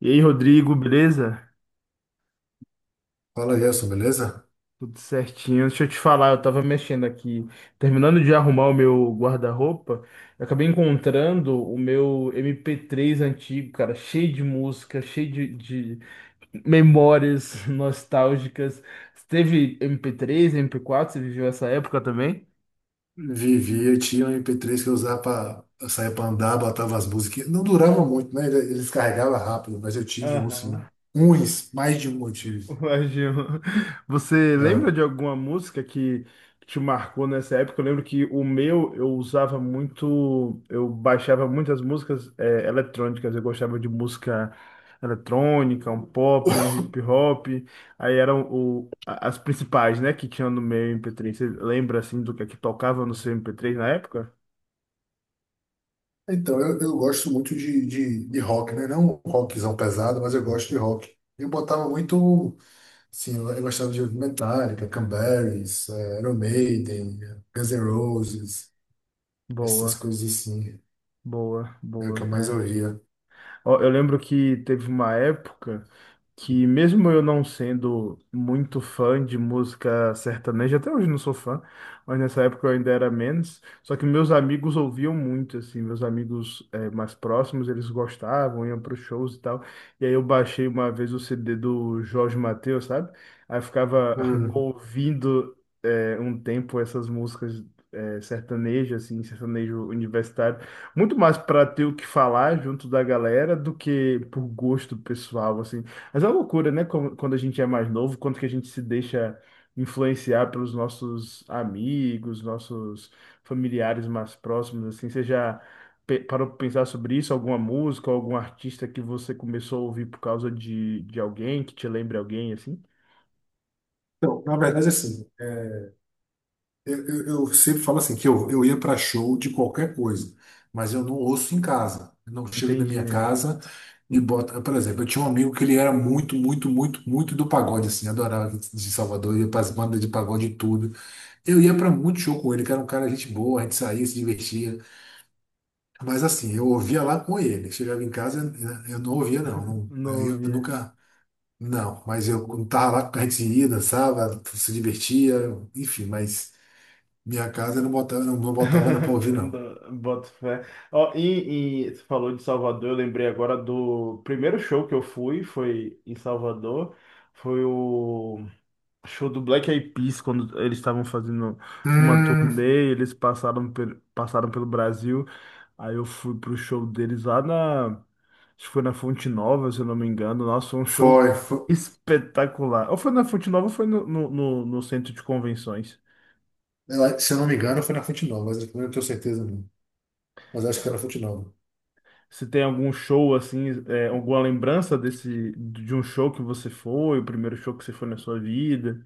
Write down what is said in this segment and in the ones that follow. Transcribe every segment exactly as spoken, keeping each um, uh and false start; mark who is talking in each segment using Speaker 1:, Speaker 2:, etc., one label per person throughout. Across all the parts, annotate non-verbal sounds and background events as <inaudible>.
Speaker 1: E aí, Rodrigo, beleza?
Speaker 2: Fala, Gerson, beleza?
Speaker 1: Tudo certinho. Deixa eu te falar, eu tava mexendo aqui, terminando de arrumar o meu guarda-roupa, eu acabei encontrando o meu M P três antigo, cara, cheio de música, cheio de, de memórias <laughs> nostálgicas. Você teve M P três, M P quatro? Você viveu essa época também?
Speaker 2: Vivia, eu tinha um M P três que eu usava para sair para andar, botava as músicas. Não durava muito, né? Ele- Eles carregavam rápido, mas eu tive um, sim.
Speaker 1: Aham.
Speaker 2: Uns, mais de um eu tive.
Speaker 1: Ué, Gil, você
Speaker 2: É.
Speaker 1: lembra de alguma música que te marcou nessa época? Eu lembro que o meu eu usava muito, eu baixava muitas músicas eh, eletrônicas, eu gostava de música eletrônica, um pop, um hip hop, aí eram o, a- as principais, né, que tinham no meu M P três. Você lembra assim do que é que tocava no seu M P três na época?
Speaker 2: Então, eu, eu gosto muito de, de, de rock, né? Não um rockzão pesado, mas eu gosto de rock. Eu botava muito, assim, eu, eu gostava de ouvir Metallica, Cranberries, eh, Iron Maiden, Guns N' Roses, essas
Speaker 1: Boa,
Speaker 2: coisas assim.
Speaker 1: boa,
Speaker 2: É o que eu
Speaker 1: boa,
Speaker 2: mais
Speaker 1: é.
Speaker 2: ouvia.
Speaker 1: Ó, eu lembro que teve uma época que mesmo eu não sendo muito fã de música sertaneja, até hoje não sou fã, mas nessa época eu ainda era menos, só que meus amigos ouviam muito, assim, meus amigos eh, mais próximos, eles gostavam, iam para os shows e tal, e aí eu baixei uma vez o C D do Jorge Mateus, sabe? Aí eu ficava <laughs>
Speaker 2: Hum.
Speaker 1: ouvindo eh, um tempo essas músicas eh, sertanejas, assim, sertanejo universitário, muito mais para ter o que falar junto da galera do que por gosto pessoal, assim, mas é uma loucura, né? como- Quando a gente é mais novo, quanto que a gente se deixa influenciar pelos nossos amigos, nossos familiares mais próximos, assim. Você já pe- parou para pensar sobre isso? Alguma música, algum artista que você começou a ouvir por causa de, de alguém, que te lembre alguém, assim?
Speaker 2: Então, na verdade, assim, é, Eu, eu- eu sempre falo assim, que eu, eu ia para show de qualquer coisa, mas eu não ouço em casa. Eu não chego na minha
Speaker 1: Entendi.
Speaker 2: casa e boto. Por exemplo, eu tinha um amigo que ele era muito, muito, muito, muito do pagode, assim, adorava de Salvador, ia para as bandas de pagode e tudo. Eu ia para muito show com ele, que era um cara gente boa, a gente saía, se divertia. Mas assim, eu ouvia lá com ele. Chegava em casa, eu eu não ouvia, não. Não-
Speaker 1: Não
Speaker 2: Aí eu
Speaker 1: ouvia.
Speaker 2: nunca. Não, mas eu quando tava lá, a gente ia, dançava, se divertia, enfim, mas. Minha casa eu não botava, não, não botava Ana pra
Speaker 1: <laughs>
Speaker 2: ouvir, não.
Speaker 1: Não, boto fé. Ó, e, e você falou de Salvador, eu lembrei agora do primeiro show que eu fui, foi em Salvador. Foi o show do Black Eyed Peas, quando eles estavam fazendo uma
Speaker 2: Hum,
Speaker 1: turnê, eles passaram, pe- passaram pelo Brasil. Aí eu fui pro show deles lá na... Acho que foi na Fonte Nova, se eu não me engano. Nossa, foi um show
Speaker 2: foi, foi.
Speaker 1: espetacular. Ou foi na Fonte Nova ou foi no, no, no- no centro de convenções.
Speaker 2: Eu Se eu não me engano, foi na Fonte Nova, mas eu não tenho certeza, não. Mas acho que foi na Fonte
Speaker 1: Eu...
Speaker 2: Nova.
Speaker 1: Se tem algum show assim, é, alguma lembrança desse de um show que você foi, o primeiro show que você foi na sua vida?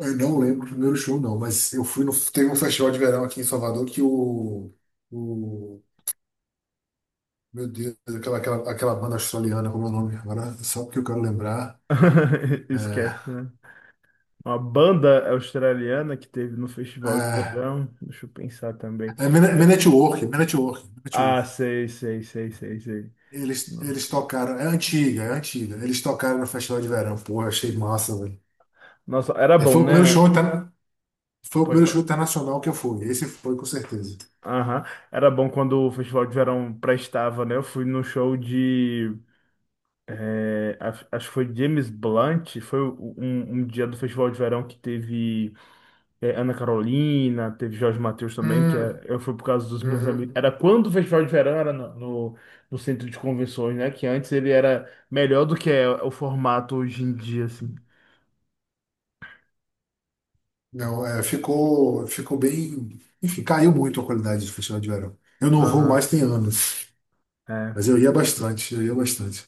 Speaker 2: Eu não lembro o primeiro show, não, mas eu fui no. Teve um festival de verão aqui em Salvador que o. o meu Deus, aquela, aquela, aquela banda australiana, como é o nome? Agora, só porque eu quero lembrar.
Speaker 1: <laughs> Esquece,
Speaker 2: É,
Speaker 1: né? Uma banda australiana que teve no festival de verão. Deixa eu pensar também.
Speaker 2: é Men Men at Work, Men at Work, Men at
Speaker 1: Ah,
Speaker 2: Work.
Speaker 1: sei, sei, sei, sei, sei.
Speaker 2: Eles, eles tocaram, é antiga, é antiga. Eles tocaram no Festival de Verão, porra, achei massa, velho.
Speaker 1: Nossa, era
Speaker 2: É, foi
Speaker 1: bom,
Speaker 2: o primeiro
Speaker 1: né?
Speaker 2: show, tá? Foi o
Speaker 1: Pode
Speaker 2: primeiro show
Speaker 1: falar.
Speaker 2: internacional que eu fui. Esse foi com certeza.
Speaker 1: Aham. Era bom quando o festival de verão prestava, né? Eu fui no show de... eh, acho acho que foi James Blunt. Foi um, um dia do festival de verão que teve é, Ana Carolina, teve Jorge Mateus também, que é,
Speaker 2: Hum,
Speaker 1: eu fui por causa dos meus amigos.
Speaker 2: uhum.
Speaker 1: Era quando o Festival de Verão era no, no, no centro de convenções, né? Que antes ele era melhor do que é o formato hoje em dia, assim.
Speaker 2: Não, é, ficou, ficou bem. Enfim, caiu muito a qualidade do festival de verão. Eu não vou mais
Speaker 1: Aham.
Speaker 2: tem anos, mas eu ia bastante, eu ia bastante.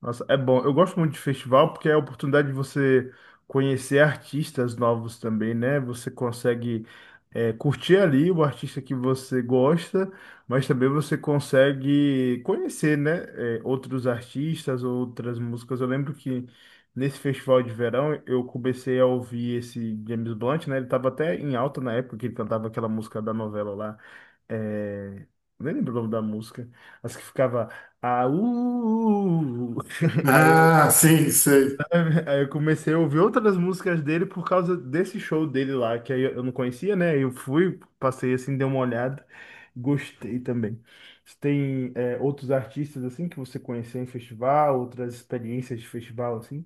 Speaker 1: Nossa, é bom. Eu gosto muito de festival porque é a oportunidade de você conhecer artistas novos também, né? Você consegue é, curtir ali o artista que você gosta, mas também você consegue conhecer, né? é, outros artistas, outras músicas. Eu lembro que nesse festival de verão eu comecei a ouvir esse James Blunt, né? Ele estava até em alta na época que ele cantava aquela música da novela lá. É... Nem lembro o nome da música, mas que ficava... Aú! Aí eu,
Speaker 2: Ah, sim, sei.
Speaker 1: <laughs> aí eu comecei a ouvir outras músicas dele por causa desse show dele lá, que aí eu não conhecia, né? Eu fui, passei assim, dei uma olhada, gostei também. Você tem, é, outros artistas assim que você conheceu em festival, outras experiências de festival assim?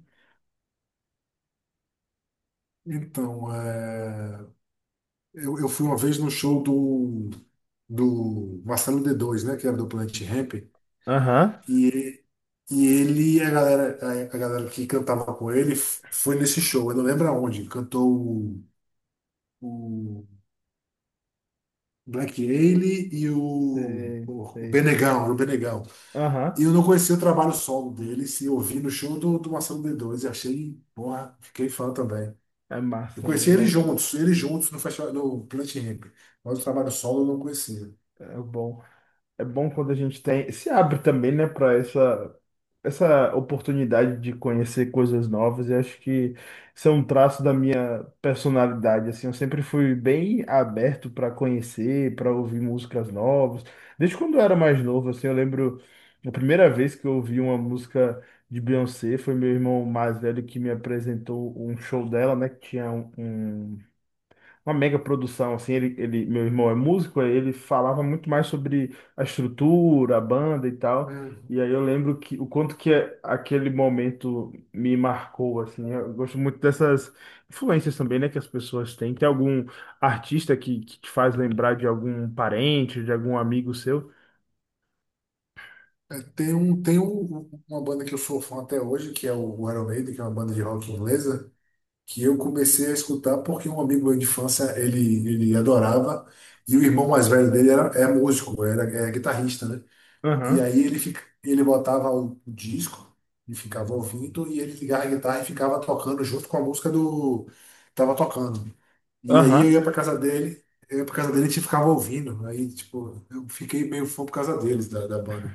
Speaker 2: Então, é, eu, eu fui uma vez no show do, do Marcelo D dois, né? Que era do Planet Hemp.
Speaker 1: Aham.
Speaker 2: E, e ele, a galera, a, a galera que cantava com ele, f- foi nesse show. Eu não lembro aonde. Cantou o, Black Alien e o,
Speaker 1: Sei,
Speaker 2: o
Speaker 1: sei.
Speaker 2: Benegão, era o Benegão. E
Speaker 1: Aham.
Speaker 2: eu não conhecia o trabalho solo deles e ouvi no show do, do Marcelo d Dois, e achei, porra, fiquei fã também.
Speaker 1: É
Speaker 2: Eu
Speaker 1: massa, né?
Speaker 2: conheci eles
Speaker 1: Nossa,
Speaker 2: juntos, eles juntos no festival, no Planet Hemp, mas o trabalho solo eu não conhecia.
Speaker 1: é bom. É bom quando a gente tem, se abre também, né, para essa essa oportunidade de conhecer coisas novas. E acho que isso é um traço da minha personalidade. Assim, eu sempre fui bem aberto para conhecer, para ouvir músicas novas. Desde quando eu era mais novo, assim, eu lembro a primeira vez que eu ouvi uma música de Beyoncé foi meu irmão mais velho que me apresentou um show dela, né, que tinha um, um- uma mega produção, assim, ele, ele, meu irmão é músico, aí ele falava muito mais sobre a estrutura, a banda e tal.
Speaker 2: Hum.
Speaker 1: E aí eu lembro que o quanto que é- aquele momento me marcou, assim. Eu gosto muito dessas influências também, né, que as pessoas têm. Tem algum artista que, que te faz lembrar de algum parente, de algum amigo seu?
Speaker 2: É, tem um, tem um- uma banda que eu sou fã até hoje, que é o Iron Maiden, que é uma banda de rock inglesa, que eu comecei a escutar porque um amigo meu de infância, ele, ele adorava, e o irmão mais velho dele era, é músico, era, é guitarrista, né? E
Speaker 1: Aham,
Speaker 2: aí ele, fica, ele botava o, o disco e ficava ouvindo, e ele ligava a guitarra e ficava tocando junto com a música do, que tava tocando. E aí eu
Speaker 1: aham.
Speaker 2: ia pra casa dele, eu ia pra casa dele e a gente ficava ouvindo. Aí, tipo, eu fiquei meio fã por causa deles, da, da banda.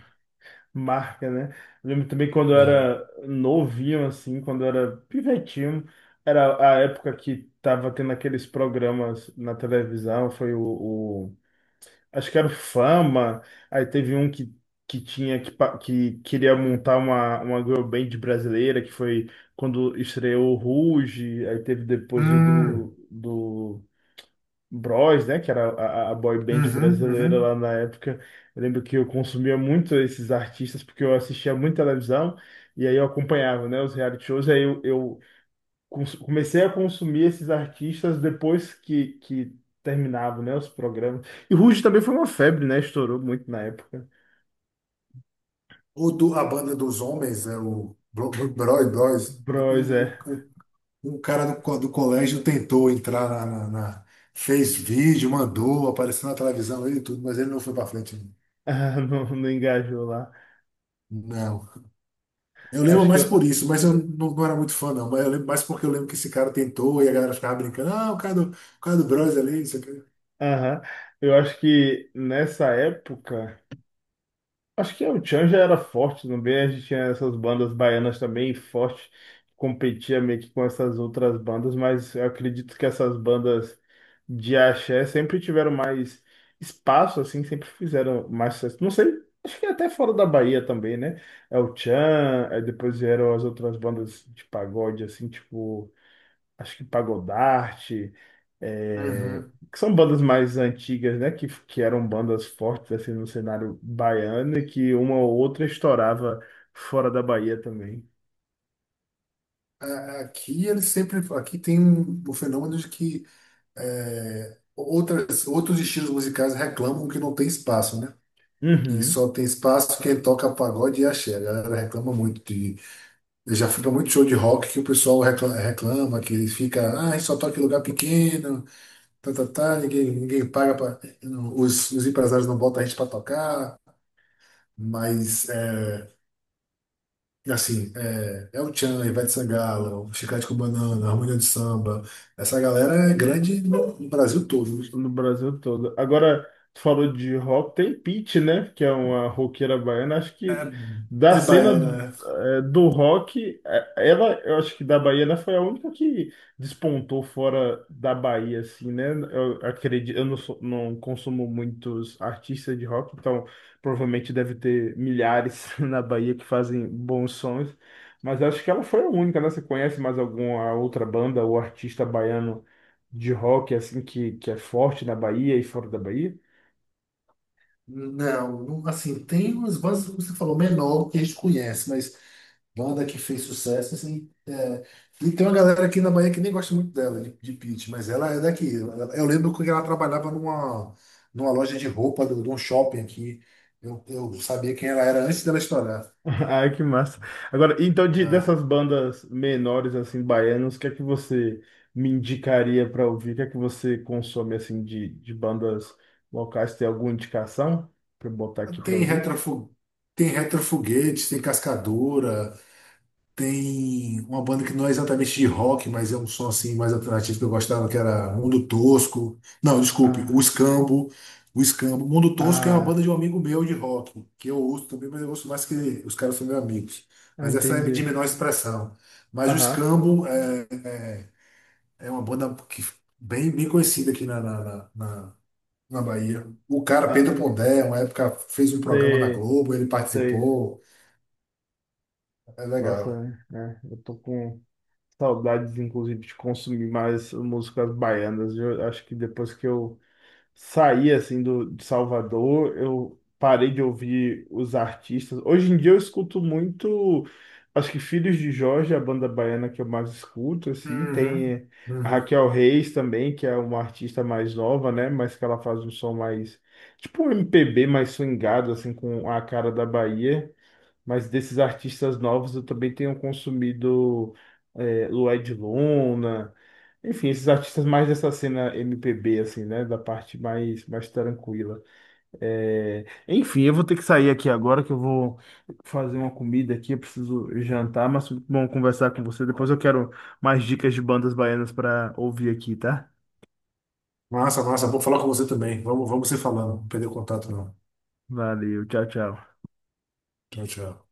Speaker 1: Marca, né? Eu lembro também quando eu
Speaker 2: É.
Speaker 1: era novinho, assim, quando eu era pivetinho, era a época que tava tendo aqueles programas na televisão, foi o, o- acho que era o Fama, aí teve um que, que tinha, que, pa- que queria montar uma, uma girl band brasileira, que foi quando estreou o Ruge, aí teve depois o
Speaker 2: Hum,
Speaker 1: do Bros, né? Que era a, a boy band
Speaker 2: uhum,
Speaker 1: brasileira
Speaker 2: uhum.
Speaker 1: lá na época. Eu lembro que eu consumia muito esses artistas porque eu assistia muito televisão e aí eu acompanhava, né? Os reality shows. Aí eu, eu cons- comecei a consumir esses artistas depois que, que terminavam, né? Os programas. E Ruge também foi uma febre, né? Estourou muito na época.
Speaker 2: O do, a banda dos homens, é o Bro- Bro- Brothers,
Speaker 1: Bros,
Speaker 2: um,
Speaker 1: é. <laughs>
Speaker 2: um. Um cara do, co- do colégio tentou entrar na, na- na- fez vídeo, mandou, apareceu na televisão, ele e tudo, mas ele não foi pra frente.
Speaker 1: Ah, não, não engajou lá.
Speaker 2: Não. Eu lembro
Speaker 1: Acho que
Speaker 2: mais
Speaker 1: eu...
Speaker 2: por isso, mas eu não, não era muito fã, não. Mas eu lembro mais porque eu lembro que esse cara tentou e a galera ficava brincando. Ah, o cara do, o cara do Bros ali, isso aqui.
Speaker 1: Aham. Eu acho que nessa época... Acho que o Tchan já era forte também, a gente tinha essas bandas baianas também forte, competia meio que com essas outras bandas, mas eu acredito que essas bandas de axé sempre tiveram mais espaço, assim, sempre fizeram mais sucesso. Não sei, acho que até fora da Bahia também, né? É o Tchan, aí depois vieram as outras bandas de pagode, assim, tipo acho que Pagodarte, é,
Speaker 2: Uhum.
Speaker 1: que são bandas mais antigas, né? Que, que eram bandas fortes assim no cenário baiano e que uma ou outra estourava fora da Bahia também.
Speaker 2: Aqui eles sempre. Aqui tem um, um fenômeno de que é, outras, outros estilos musicais reclamam que não tem espaço, né? Que
Speaker 1: Uhum.
Speaker 2: só tem espaço quem toca pagode e axé. A galera reclama muito. Já fui muito show de rock que o pessoal recla- reclama, que fica, ah, só toca em lugar pequeno, tá, tá, tá, ninguém, ninguém paga para Os, os empresários não botam a gente para tocar, mas é, assim, é, é o Tchan, Ivete Sangalo, Chiclete com Banana, Harmonia de Samba, essa galera é grande no, no Brasil todo.
Speaker 1: No Brasil todo. Agora, tu falou de rock, tem Pitty, né? Que é uma roqueira baiana. Acho que da
Speaker 2: É, é
Speaker 1: cena
Speaker 2: baiana, né?
Speaker 1: eh, do rock, eh, ela, eu acho que da Bahia, né, foi a única que despontou fora da Bahia, assim, né? Eu acredito, eu não, sou- não consumo muitos artistas de rock, então provavelmente deve ter milhares <laughs> na Bahia que fazem bons sons. Mas acho que ela foi a única, né? Você conhece mais alguma outra banda ou artista baiano de rock assim que, que é forte na Bahia e fora da Bahia?
Speaker 2: Não, não, assim, tem umas bandas, como você falou, menor que a gente conhece, mas. Banda que fez sucesso, assim, é. E tem uma galera aqui na Bahia que nem gosta muito dela, de, de Pitty, mas ela é daqui. Ela- Eu lembro que ela trabalhava numa, numa loja de roupa, de, de um shopping aqui. Eu, eu sabia quem ela era antes dela estourar.
Speaker 1: <laughs> Ai, que massa. Agora, então, de-
Speaker 2: Ah,
Speaker 1: dessas bandas menores, assim, baianas, o que é que você me indicaria para ouvir? O que é que você consome, assim, de, de bandas locais? Tem alguma indicação para botar aqui para
Speaker 2: tem
Speaker 1: ouvir?
Speaker 2: retrofu, tem retrofoguete, tem cascadura. Tem uma banda que não é exatamente de rock, mas é um som assim mais alternativo que eu gostava, que era Mundo Tosco. Não, desculpe, o
Speaker 1: Ah,
Speaker 2: Escambo. O Escambo. Mundo Tosco é uma banda
Speaker 1: ah,
Speaker 2: de um amigo meu de rock, que eu ouço também, mas eu ouço mais que os caras são meus amigos.
Speaker 1: ah,
Speaker 2: Mas essa é
Speaker 1: entendi.
Speaker 2: de menor expressão. Mas o
Speaker 1: Aham,
Speaker 2: Escambo é, é uma banda que, bem, bem conhecida aqui na, na, na, na- na Bahia. O cara, Pedro
Speaker 1: ah,
Speaker 2: Pondé, uma época fez um programa na
Speaker 1: sei,
Speaker 2: Globo, ele
Speaker 1: sei.
Speaker 2: participou. É legal.
Speaker 1: Nossa, né? Eu tô com saudades, inclusive, de consumir mais músicas baianas. Eu acho que depois que eu saí assim do, de Salvador, eu parei de ouvir os artistas. Hoje em dia eu escuto muito, acho que Filhos de Jorge, é a banda baiana que eu mais escuto, assim.
Speaker 2: Uhum,
Speaker 1: Tem a
Speaker 2: uhum.
Speaker 1: Raquel Reis também, que é uma artista mais nova, né? Mas que ela faz um som mais, tipo um M P B mais swingado, assim, com a cara da Bahia. Mas desses artistas novos eu também tenho consumido é, Lued Luna, enfim, esses artistas mais dessa cena M P B, assim, né? Da parte mais, mais tranquila. É, enfim, eu vou ter que sair aqui agora que eu vou fazer uma comida aqui, eu preciso jantar, mas foi muito bom conversar com você. Depois eu quero mais dicas de bandas baianas para ouvir aqui, tá?
Speaker 2: Massa, massa. Vou falar com você também. Vamos, vamos se falando. Não perder o contato, não.
Speaker 1: Valeu, tchau, tchau.
Speaker 2: Tchau, tchau.